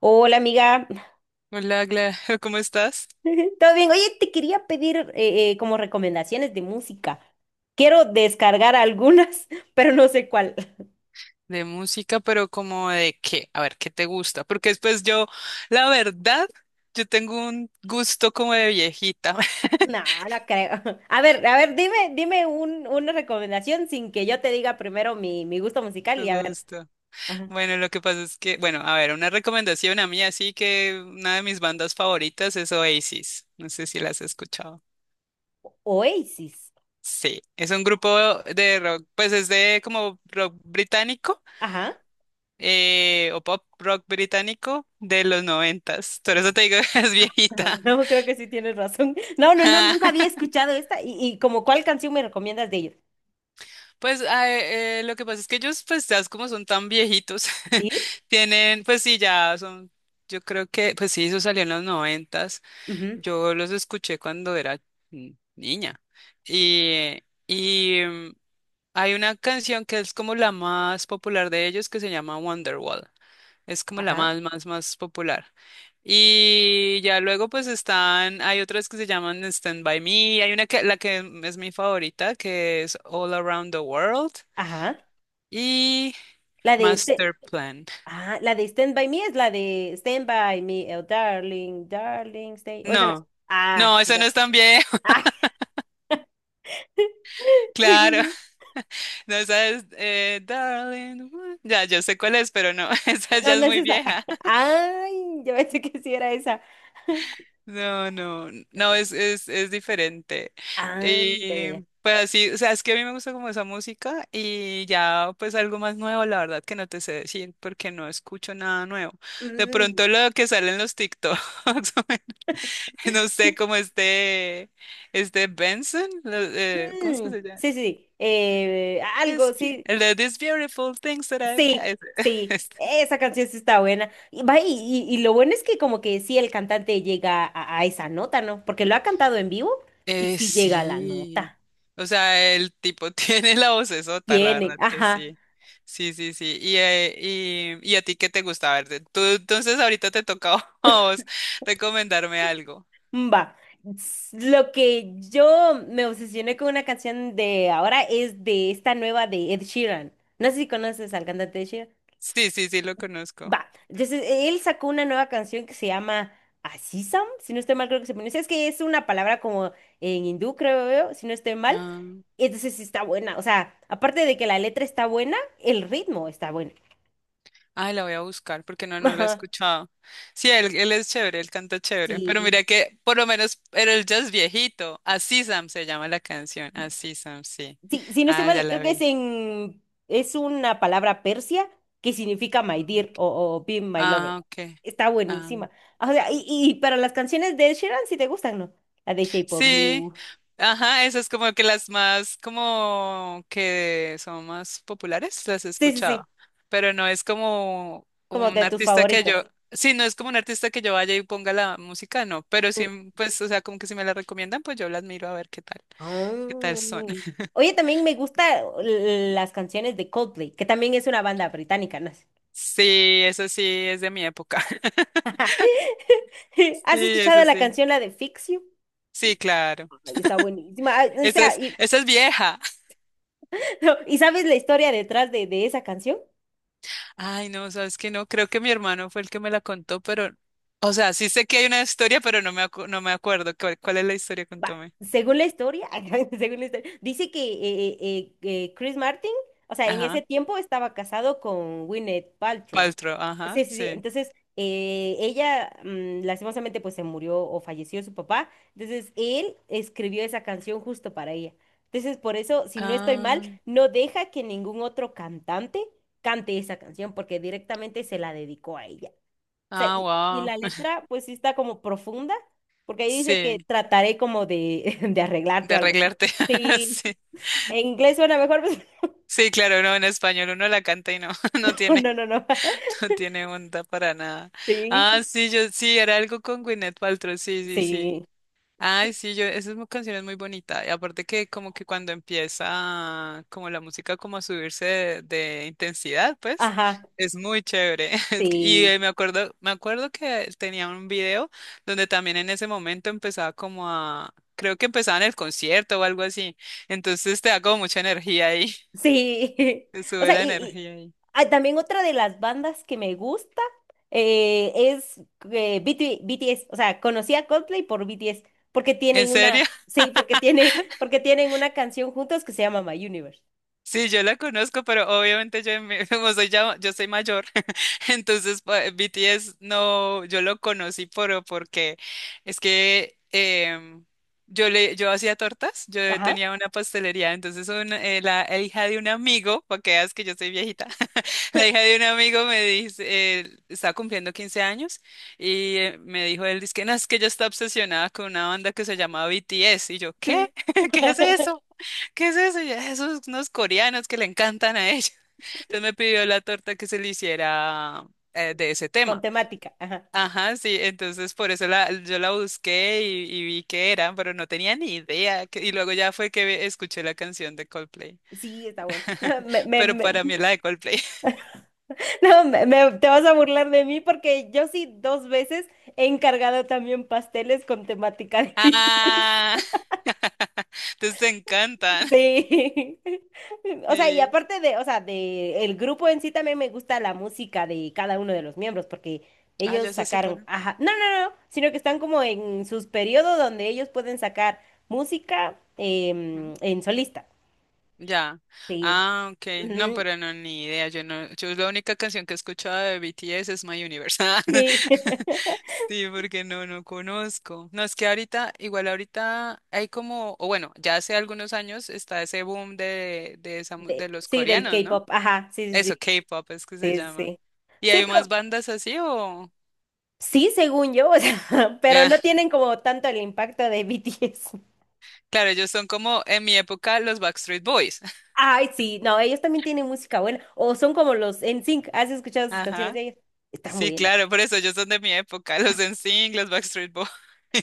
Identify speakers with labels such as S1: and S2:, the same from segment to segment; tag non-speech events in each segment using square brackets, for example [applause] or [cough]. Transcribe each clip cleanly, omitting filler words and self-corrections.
S1: Hola amiga,
S2: Hola, [laughs] ¿cómo estás?
S1: [laughs] ¿todo bien? Oye, te quería pedir como recomendaciones de música. Quiero descargar algunas, [laughs] pero no sé cuál. [laughs]
S2: De música, pero como de qué, a ver, ¿qué te gusta? Porque después yo, la verdad, yo tengo un gusto como de viejita, [laughs]
S1: No, no creo. [laughs] A ver, dime, dime una recomendación sin que yo te diga primero mi gusto musical
S2: me
S1: y a ver.
S2: gusta.
S1: Ajá.
S2: Bueno, lo que pasa es que, bueno, a ver, una recomendación a mí, así que una de mis bandas favoritas es Oasis, no sé si las has escuchado.
S1: Oasis.
S2: Sí, es un grupo de rock, pues es de como rock británico,
S1: Ajá.
S2: o pop rock británico de los noventas, por eso te digo [laughs] que es
S1: Ajá. [laughs]
S2: viejita.
S1: No, creo que sí tienes razón. [laughs] No, no, no, nunca
S2: [laughs]
S1: había escuchado esta. ¿Y como cuál canción me recomiendas de ellos?
S2: Pues lo que pasa es que ellos, pues ya como son tan viejitos,
S1: ¿Sí?
S2: [laughs] tienen, pues sí, ya son, yo creo que, pues sí, eso salió en los noventas,
S1: Ujú.
S2: yo los escuché cuando era niña. Y, y hay una canción que es como la más popular de ellos que se llama Wonderwall. Es como la
S1: Ajá.
S2: más, más, más popular. Y ya luego pues están, hay otras que se llaman Stand By Me, hay una que, la que es mi favorita, que es All Around the World
S1: Ajá.
S2: y
S1: La de este.
S2: Master Plan.
S1: Ah, la de Stand By Me es la de Stand By Me, oh, darling, darling, stay. O esa no es.
S2: No,
S1: Ah,
S2: no, eso
S1: ya
S2: no es
S1: sé.
S2: tan vieja,
S1: Ay,
S2: [laughs]
S1: [laughs] según
S2: claro.
S1: yo.
S2: No, esa es, darling. Ya, yo sé cuál es, pero no, [laughs] esa ya
S1: No,
S2: es
S1: no es
S2: muy
S1: esa.
S2: vieja.
S1: [laughs] Ay, yo pensé que sí era esa.
S2: No, no, no, es,
S1: [laughs]
S2: es, es diferente.
S1: Ah, ya, ya,
S2: Y
S1: ya.
S2: pues así, o sea, es que a mí me gusta como esa música y ya pues algo más nuevo, la verdad que no te sé decir porque no escucho nada nuevo. De
S1: Mm,
S2: pronto lo que sale en los TikToks, [laughs] no sé, como este Benson, ¿cómo es que
S1: mm,
S2: se llama?
S1: sí, sí, sí. Algo, sí,
S2: El de These Beautiful Things That I've
S1: sí,
S2: Got.
S1: sí.
S2: [laughs]
S1: Esa canción sí está buena. Y, va, y lo bueno es que como que sí el cantante llega a esa nota, ¿no? Porque lo ha cantado en vivo y sí llega a la
S2: Sí.
S1: nota.
S2: O sea, el tipo [laughs] tiene la vocesota, la
S1: Tiene,
S2: verdad que
S1: ajá,
S2: sí. Sí, sí, sí. Y a ti qué te gusta? A ver, tú, entonces ahorita te toca [laughs] a vos recomendarme algo.
S1: va. Lo que yo me obsesioné con una canción de ahora es de esta nueva de Ed Sheeran. No sé si conoces al cantante Ed Sheeran.
S2: Sí, sí, sí, lo conozco.
S1: Va. Entonces, él sacó una nueva canción que se llama Asisam, si no estoy mal, creo que se pronuncia. Es que es una palabra como en hindú, creo yo, si no estoy mal.
S2: Ah,
S1: Entonces, sí está buena. O sea, aparte de que la letra está buena, el ritmo está bueno.
S2: ay, la voy a buscar porque no,
S1: [laughs]
S2: no la he
S1: Ajá.
S2: escuchado. Sí, él es chévere, él canta chévere. Pero
S1: Sí.
S2: mira que por lo menos era el jazz viejito. Así Sam se llama la canción. Así Sam, sí.
S1: Sí, si no estoy
S2: Ah, ya
S1: mal,
S2: la
S1: creo que
S2: vi.
S1: es una palabra persia que significa my dear
S2: Ah,
S1: o be my lover.
S2: ah, ok.
S1: Está
S2: Ah.
S1: buenísima. O sea, y para las canciones de Ed Sheeran, si te gustan, ¿no? La de Shape of
S2: Sí,
S1: You.
S2: ajá, esas como que las más, como que son más populares, las he
S1: Sí, sí,
S2: escuchado,
S1: sí,
S2: pero no es como
S1: como
S2: un
S1: de tus
S2: artista que yo,
S1: favoritos.
S2: sí, no es como un artista que yo vaya y ponga la música, no, pero sí, pues, o sea, como que si me la recomiendan, pues yo la admiro a ver qué tal son.
S1: Ah.
S2: [laughs]
S1: Oye, también me gusta las canciones de Coldplay, que también es una banda británica, ¿no?
S2: Sí, eso sí, es de mi época. [laughs]
S1: [laughs]
S2: Sí,
S1: ¿Has escuchado
S2: eso
S1: la
S2: sí.
S1: canción, la de Fix You?
S2: Sí,
S1: Y-
S2: claro.
S1: Está buenísima. Ah, o
S2: Esa
S1: sea,
S2: es, esa es vieja.
S1: [laughs] ¿Y sabes la historia detrás de esa canción?
S2: Ay, no, sabes que no, creo que mi hermano fue el que me la contó, pero, o sea, sí sé que hay una historia, pero no me acuerdo. ¿Cuál es la historia?
S1: Va,
S2: Contame.
S1: según la historia, [laughs] según la historia, dice que Chris Martin, o sea, en ese
S2: Ajá.
S1: tiempo estaba casado con Gwyneth Paltrow.
S2: Paltrow, ajá,
S1: Sí, sí, sí.
S2: sí.
S1: Entonces, ella, lastimosamente, pues se murió o falleció su papá. Entonces, él escribió esa canción justo para ella. Entonces, por eso, si no estoy mal,
S2: Ah,
S1: no deja que ningún otro cantante cante esa canción, porque directamente se la dedicó a ella. Sea,
S2: ah,
S1: y la
S2: wow.
S1: letra pues sí está como profunda, porque ahí dice que
S2: Sí,
S1: trataré como de, [laughs] de arreglarte
S2: de
S1: o algo así.
S2: arreglarte. [laughs]
S1: Sí,
S2: Sí.
S1: en inglés suena mejor, [laughs]
S2: Sí, claro, no, en español uno la canta y no, [laughs] no
S1: pero
S2: tiene,
S1: no, no, no.
S2: no tiene onda para nada.
S1: Sí,
S2: Ah, sí, yo sí, era algo con Gwyneth Paltrow, sí, sí, sí.
S1: sí,
S2: Ay,
S1: y-
S2: sí, yo, esa canción es muy bonita. Y aparte que como que cuando empieza como la música como a subirse de intensidad, pues,
S1: ajá,
S2: es muy chévere. [laughs] Y
S1: sí,
S2: me acuerdo que tenía un video donde también en ese momento empezaba como a, creo que empezaba en el concierto o algo así. Entonces te da como mucha energía ahí, [laughs]
S1: sí. [laughs]
S2: te
S1: O
S2: sube
S1: sea,
S2: la energía ahí.
S1: ah, también otra de las bandas que me gusta es B T S. O sea, conocí a Coldplay por B T S porque
S2: ¿En
S1: tienen una,
S2: serio?
S1: sí, porque tienen una canción juntos que se llama My Universe.
S2: Sí, yo la conozco, pero obviamente yo, [laughs] como soy ya, yo soy mayor, [laughs] entonces BTS no, yo lo conocí porque es que yo hacía tortas, yo
S1: Ajá.
S2: tenía una pastelería, entonces la hija de un amigo, para que veas que yo soy viejita, [laughs] la hija
S1: [laughs]
S2: de un amigo me dice, estaba cumpliendo 15 años y me dijo él, dice que no, es que ella está obsesionada con una banda que se llama BTS y yo,
S1: Sí.
S2: ¿qué? [laughs] ¿Qué es eso?
S1: [laughs]
S2: ¿Qué es eso? Y yo, esos unos coreanos que le encantan a ella. [laughs] Entonces me pidió la torta que se le hiciera de ese
S1: Con
S2: tema.
S1: temática. Ajá.
S2: Ajá, sí, entonces por eso yo la busqué y vi que era, pero no tenía ni idea. Y luego ya fue que escuché la canción de Coldplay.
S1: Sí, está bueno. [laughs] No,
S2: [laughs] Pero para mí es la de Coldplay. [laughs]
S1: [laughs] no, te vas a burlar de mí porque yo sí dos veces he encargado también pasteles con temática de bichis.
S2: Ah,
S1: [laughs]
S2: [laughs] entonces te encantan.
S1: Sí. [laughs] O sea, y
S2: Sí.
S1: aparte de, o sea, de el grupo en sí también me gusta la música de cada uno de los miembros porque
S2: Ah,
S1: ellos
S2: ya se
S1: sacaron,
S2: separan.
S1: ajá, no, no, no, sino que están como en sus periodos donde ellos pueden sacar música en solista.
S2: Ya.
S1: Sí.
S2: Ah, ok. No,
S1: Ujú,
S2: pero no, ni idea. Yo no, yo la única canción que he escuchado de BTS es My Universe.
S1: sí. [laughs]
S2: [laughs] Sí, porque no, no conozco. No, es que ahorita, igual ahorita hay como, o bueno, ya hace algunos años está ese boom
S1: De,
S2: de los
S1: sí, del
S2: coreanos, ¿no?
S1: K-pop, ajá, sí, sí,
S2: Eso, K-pop es que se
S1: sí, sí,
S2: llama.
S1: sí.
S2: ¿Y
S1: Sí,
S2: hay más
S1: pero
S2: bandas así o?
S1: sí, según yo, o sea, [laughs] pero no
S2: Ah,
S1: tienen como tanto el impacto de BTS.
S2: claro, ellos son como en mi época los Backstreet Boys. [laughs]
S1: Ay, sí, no, ellos también tienen música buena, o son como los NSYNC, ¿has escuchado sus canciones de
S2: Ajá.
S1: ellos? Está muy
S2: Sí,
S1: buena.
S2: claro, por eso ellos son de mi época, los NSYNC, los Backstreet Boys.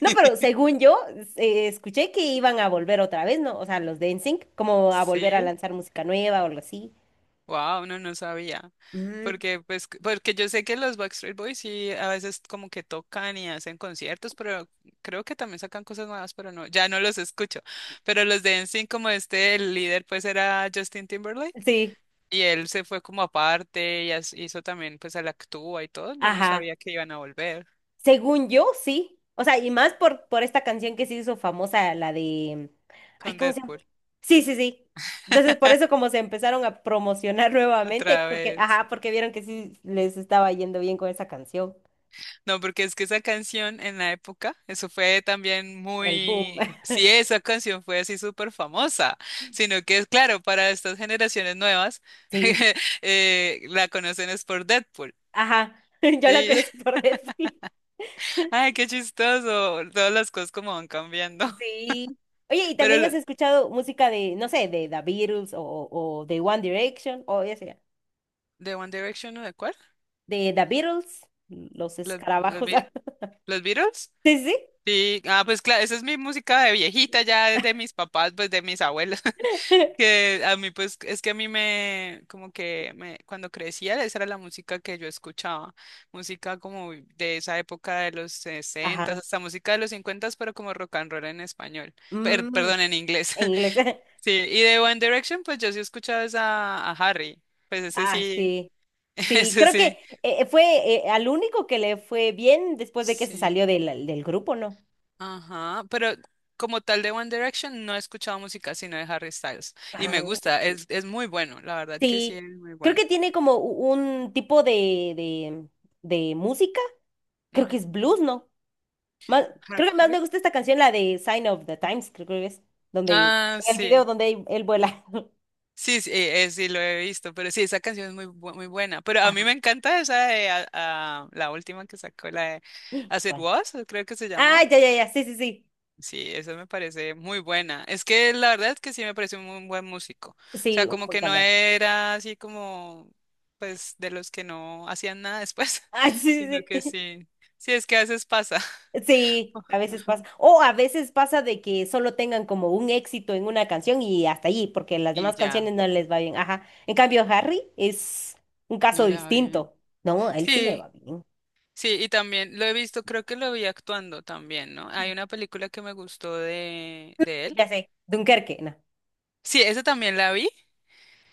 S1: No, pero según yo, escuché que iban a volver otra vez, ¿no? O sea, los de NSYNC, como a volver a
S2: Sí,
S1: lanzar música nueva o algo así.
S2: wow, no, no sabía.
S1: Mm,
S2: Porque, pues, porque yo sé que los Backstreet Boys sí a veces como que tocan y hacen conciertos, pero creo que también sacan cosas nuevas, pero no, ya no los escucho. Pero los de NSYNC, como este, el líder, pues era Justin Timberlake,
S1: sí,
S2: y él se fue como aparte y hizo también, pues, a la actúa y todo. Yo no
S1: ajá.
S2: sabía que iban a volver
S1: Según yo, sí. O sea, y más por esta canción que se hizo famosa, la de... Ay,
S2: con
S1: ¿cómo se llama?
S2: Deadpool
S1: Sí, sí, sí. Entonces, por eso como se empezaron a promocionar [laughs] nuevamente,
S2: otra
S1: porque,
S2: vez.
S1: ajá, porque vieron que sí les estaba yendo bien con esa canción,
S2: No, porque es que esa canción en la época, eso fue también
S1: el boom.
S2: muy.
S1: [laughs]
S2: Sí, esa canción fue así súper famosa, sino que es claro, para estas generaciones nuevas,
S1: Sí,
S2: [laughs] la conocen es por Deadpool.
S1: ajá. [laughs] Yo la
S2: Sí,
S1: conocí por [laughs] Netflix.
S2: [laughs] ay, qué chistoso, todas las cosas como van cambiando. [laughs]
S1: Sí. Oye, ¿y
S2: ¿Pero
S1: también has escuchado música de, no sé, de The Beatles o de One Direction o ya sea,
S2: de One Direction o de cuál?
S1: de The Beatles, los
S2: ¿Los, los,
S1: escarabajos?
S2: Be-
S1: [laughs]
S2: los Beatles?
S1: Sí, sí.
S2: Sí, ah, pues claro, esa es mi música de viejita ya de mis papás, pues de mis abuelos.
S1: [laughs]
S2: Que a mí, pues, es que a mí me, como que me, cuando crecía, esa era la música que yo escuchaba, música como de esa época de los 60
S1: Ajá.
S2: hasta música de los 50 pero como rock and roll en español,
S1: Mm,
S2: perdón, en inglés.
S1: en inglés. [laughs]
S2: [laughs] Sí, y de One Direction, pues yo sí escuchaba esa, a Harry, pues ese
S1: Ah,
S2: sí,
S1: sí.
S2: [laughs]
S1: Sí,
S2: ese
S1: creo que
S2: sí.
S1: fue al único que le fue bien después de que se
S2: Sí,
S1: salió del grupo, ¿no?
S2: ajá, pero como tal de One Direction no he escuchado música sino de Harry Styles y me
S1: Ah,
S2: gusta, es muy bueno, la verdad que sí
S1: sí.
S2: es muy
S1: Creo
S2: bueno.
S1: que tiene como un tipo de, de música. Creo que
S2: Ujú.
S1: es blues, ¿no? Más, creo que más
S2: Harry.
S1: me gusta esta canción, la de Sign of the Times, creo que es. Donde,
S2: Ah,
S1: en el video
S2: sí.
S1: donde él vuela. [laughs]
S2: Sí, sí, sí, lo he visto, pero sí, esa canción es muy buena. Pero a mí
S1: Ajá.
S2: me encanta esa de la última que sacó, la de As It
S1: Bueno.
S2: Was, creo que se
S1: Ah,
S2: llamó.
S1: ya, ya, ya. Sí, sí, sí.
S2: Sí, esa me parece muy buena. Es que la verdad es que sí me parece un muy buen músico. O
S1: Sí,
S2: sea,
S1: un
S2: como
S1: buen
S2: que no
S1: cantante. [laughs]
S2: era así como, pues, de los que no hacían nada después,
S1: Ah,
S2: [laughs]
S1: sí,
S2: sino
S1: sí.
S2: que
S1: Sí.
S2: sí. Sí, es que a veces pasa.
S1: Sí, a
S2: [laughs]
S1: veces pasa. O a veces pasa de que solo tengan como un éxito en una canción y hasta allí, porque las
S2: Y
S1: demás
S2: ya,
S1: canciones no les va bien. Ajá. En cambio, Harry es un caso
S2: no le va bien.
S1: distinto. No, a él sí le
S2: Sí.
S1: va bien.
S2: Sí, y también lo he visto, creo que lo vi actuando también, ¿no? Hay una película que me gustó de él.
S1: Ya sé, Dunkerque, no.
S2: Sí, esa también la vi,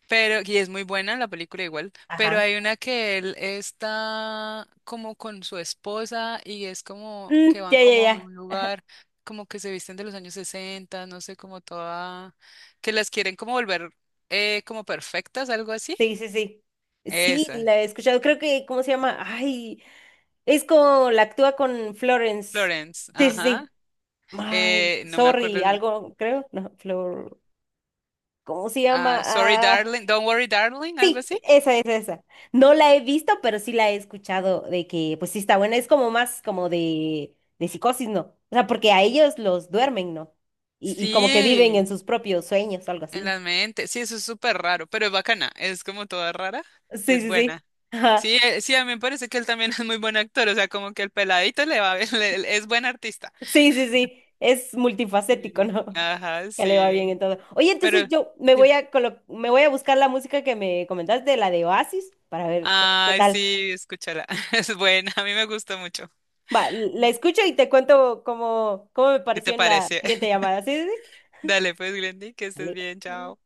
S2: pero, y es muy buena la película igual, pero
S1: Ajá.
S2: hay una que él está como con su esposa y es como
S1: Mm,
S2: que van
S1: ya, ya,
S2: como a
S1: ya.
S2: un lugar, como que se visten de los años 60 no sé, como toda, que las quieren como volver como perfectas, algo así.
S1: Sí, sí, sí. Sí,
S2: Esa.
S1: la he escuchado. Creo que, ¿cómo se llama? Ay, es como la actúa con Florence.
S2: Florence,
S1: Sí, sí,
S2: ajá.
S1: sí. Ay,
S2: No me
S1: sorry,
S2: acuerdo.
S1: algo, creo. No, Flor. ¿Cómo se llama?
S2: Ah, sorry,
S1: Ah,
S2: darling. Don't worry, darling. Algo
S1: sí,
S2: así.
S1: esa es esa. No la he visto, pero sí la he escuchado de que, pues sí está buena. Es como más como de psicosis, ¿no? O sea, porque a ellos los duermen, ¿no? Y como que viven en
S2: Sí,
S1: sus propios sueños, algo
S2: en
S1: así.
S2: la mente. Sí, eso es súper raro, pero es bacana. Es como toda rara y
S1: Sí,
S2: es
S1: sí, sí.
S2: buena.
S1: [laughs] Ajá.
S2: Sí, sí, a mí me parece que él también [laughs] es muy buen actor. O sea, como que el peladito le va, bien, [laughs] es buen artista.
S1: Sí, sí, sí. Es multifacético,
S2: Sí,
S1: ¿no? [laughs]
S2: ajá,
S1: Que le va bien en
S2: sí.
S1: todo. Oye, entonces
S2: Pero,
S1: yo
S2: dime.
S1: me voy a buscar la música que me comentaste, la de Oasis, para ver qué
S2: Ay,
S1: tal.
S2: sí, escúchala. [laughs] Es buena. A mí me gustó mucho.
S1: Va, la escucho y te cuento cómo me
S2: ¿Qué te
S1: pareció en la
S2: parece?
S1: siguiente
S2: [laughs]
S1: llamada. ¿Sí? Sí, ¿sí?
S2: Dale, pues, Glendy, que estés
S1: Vale.
S2: bien. Chao.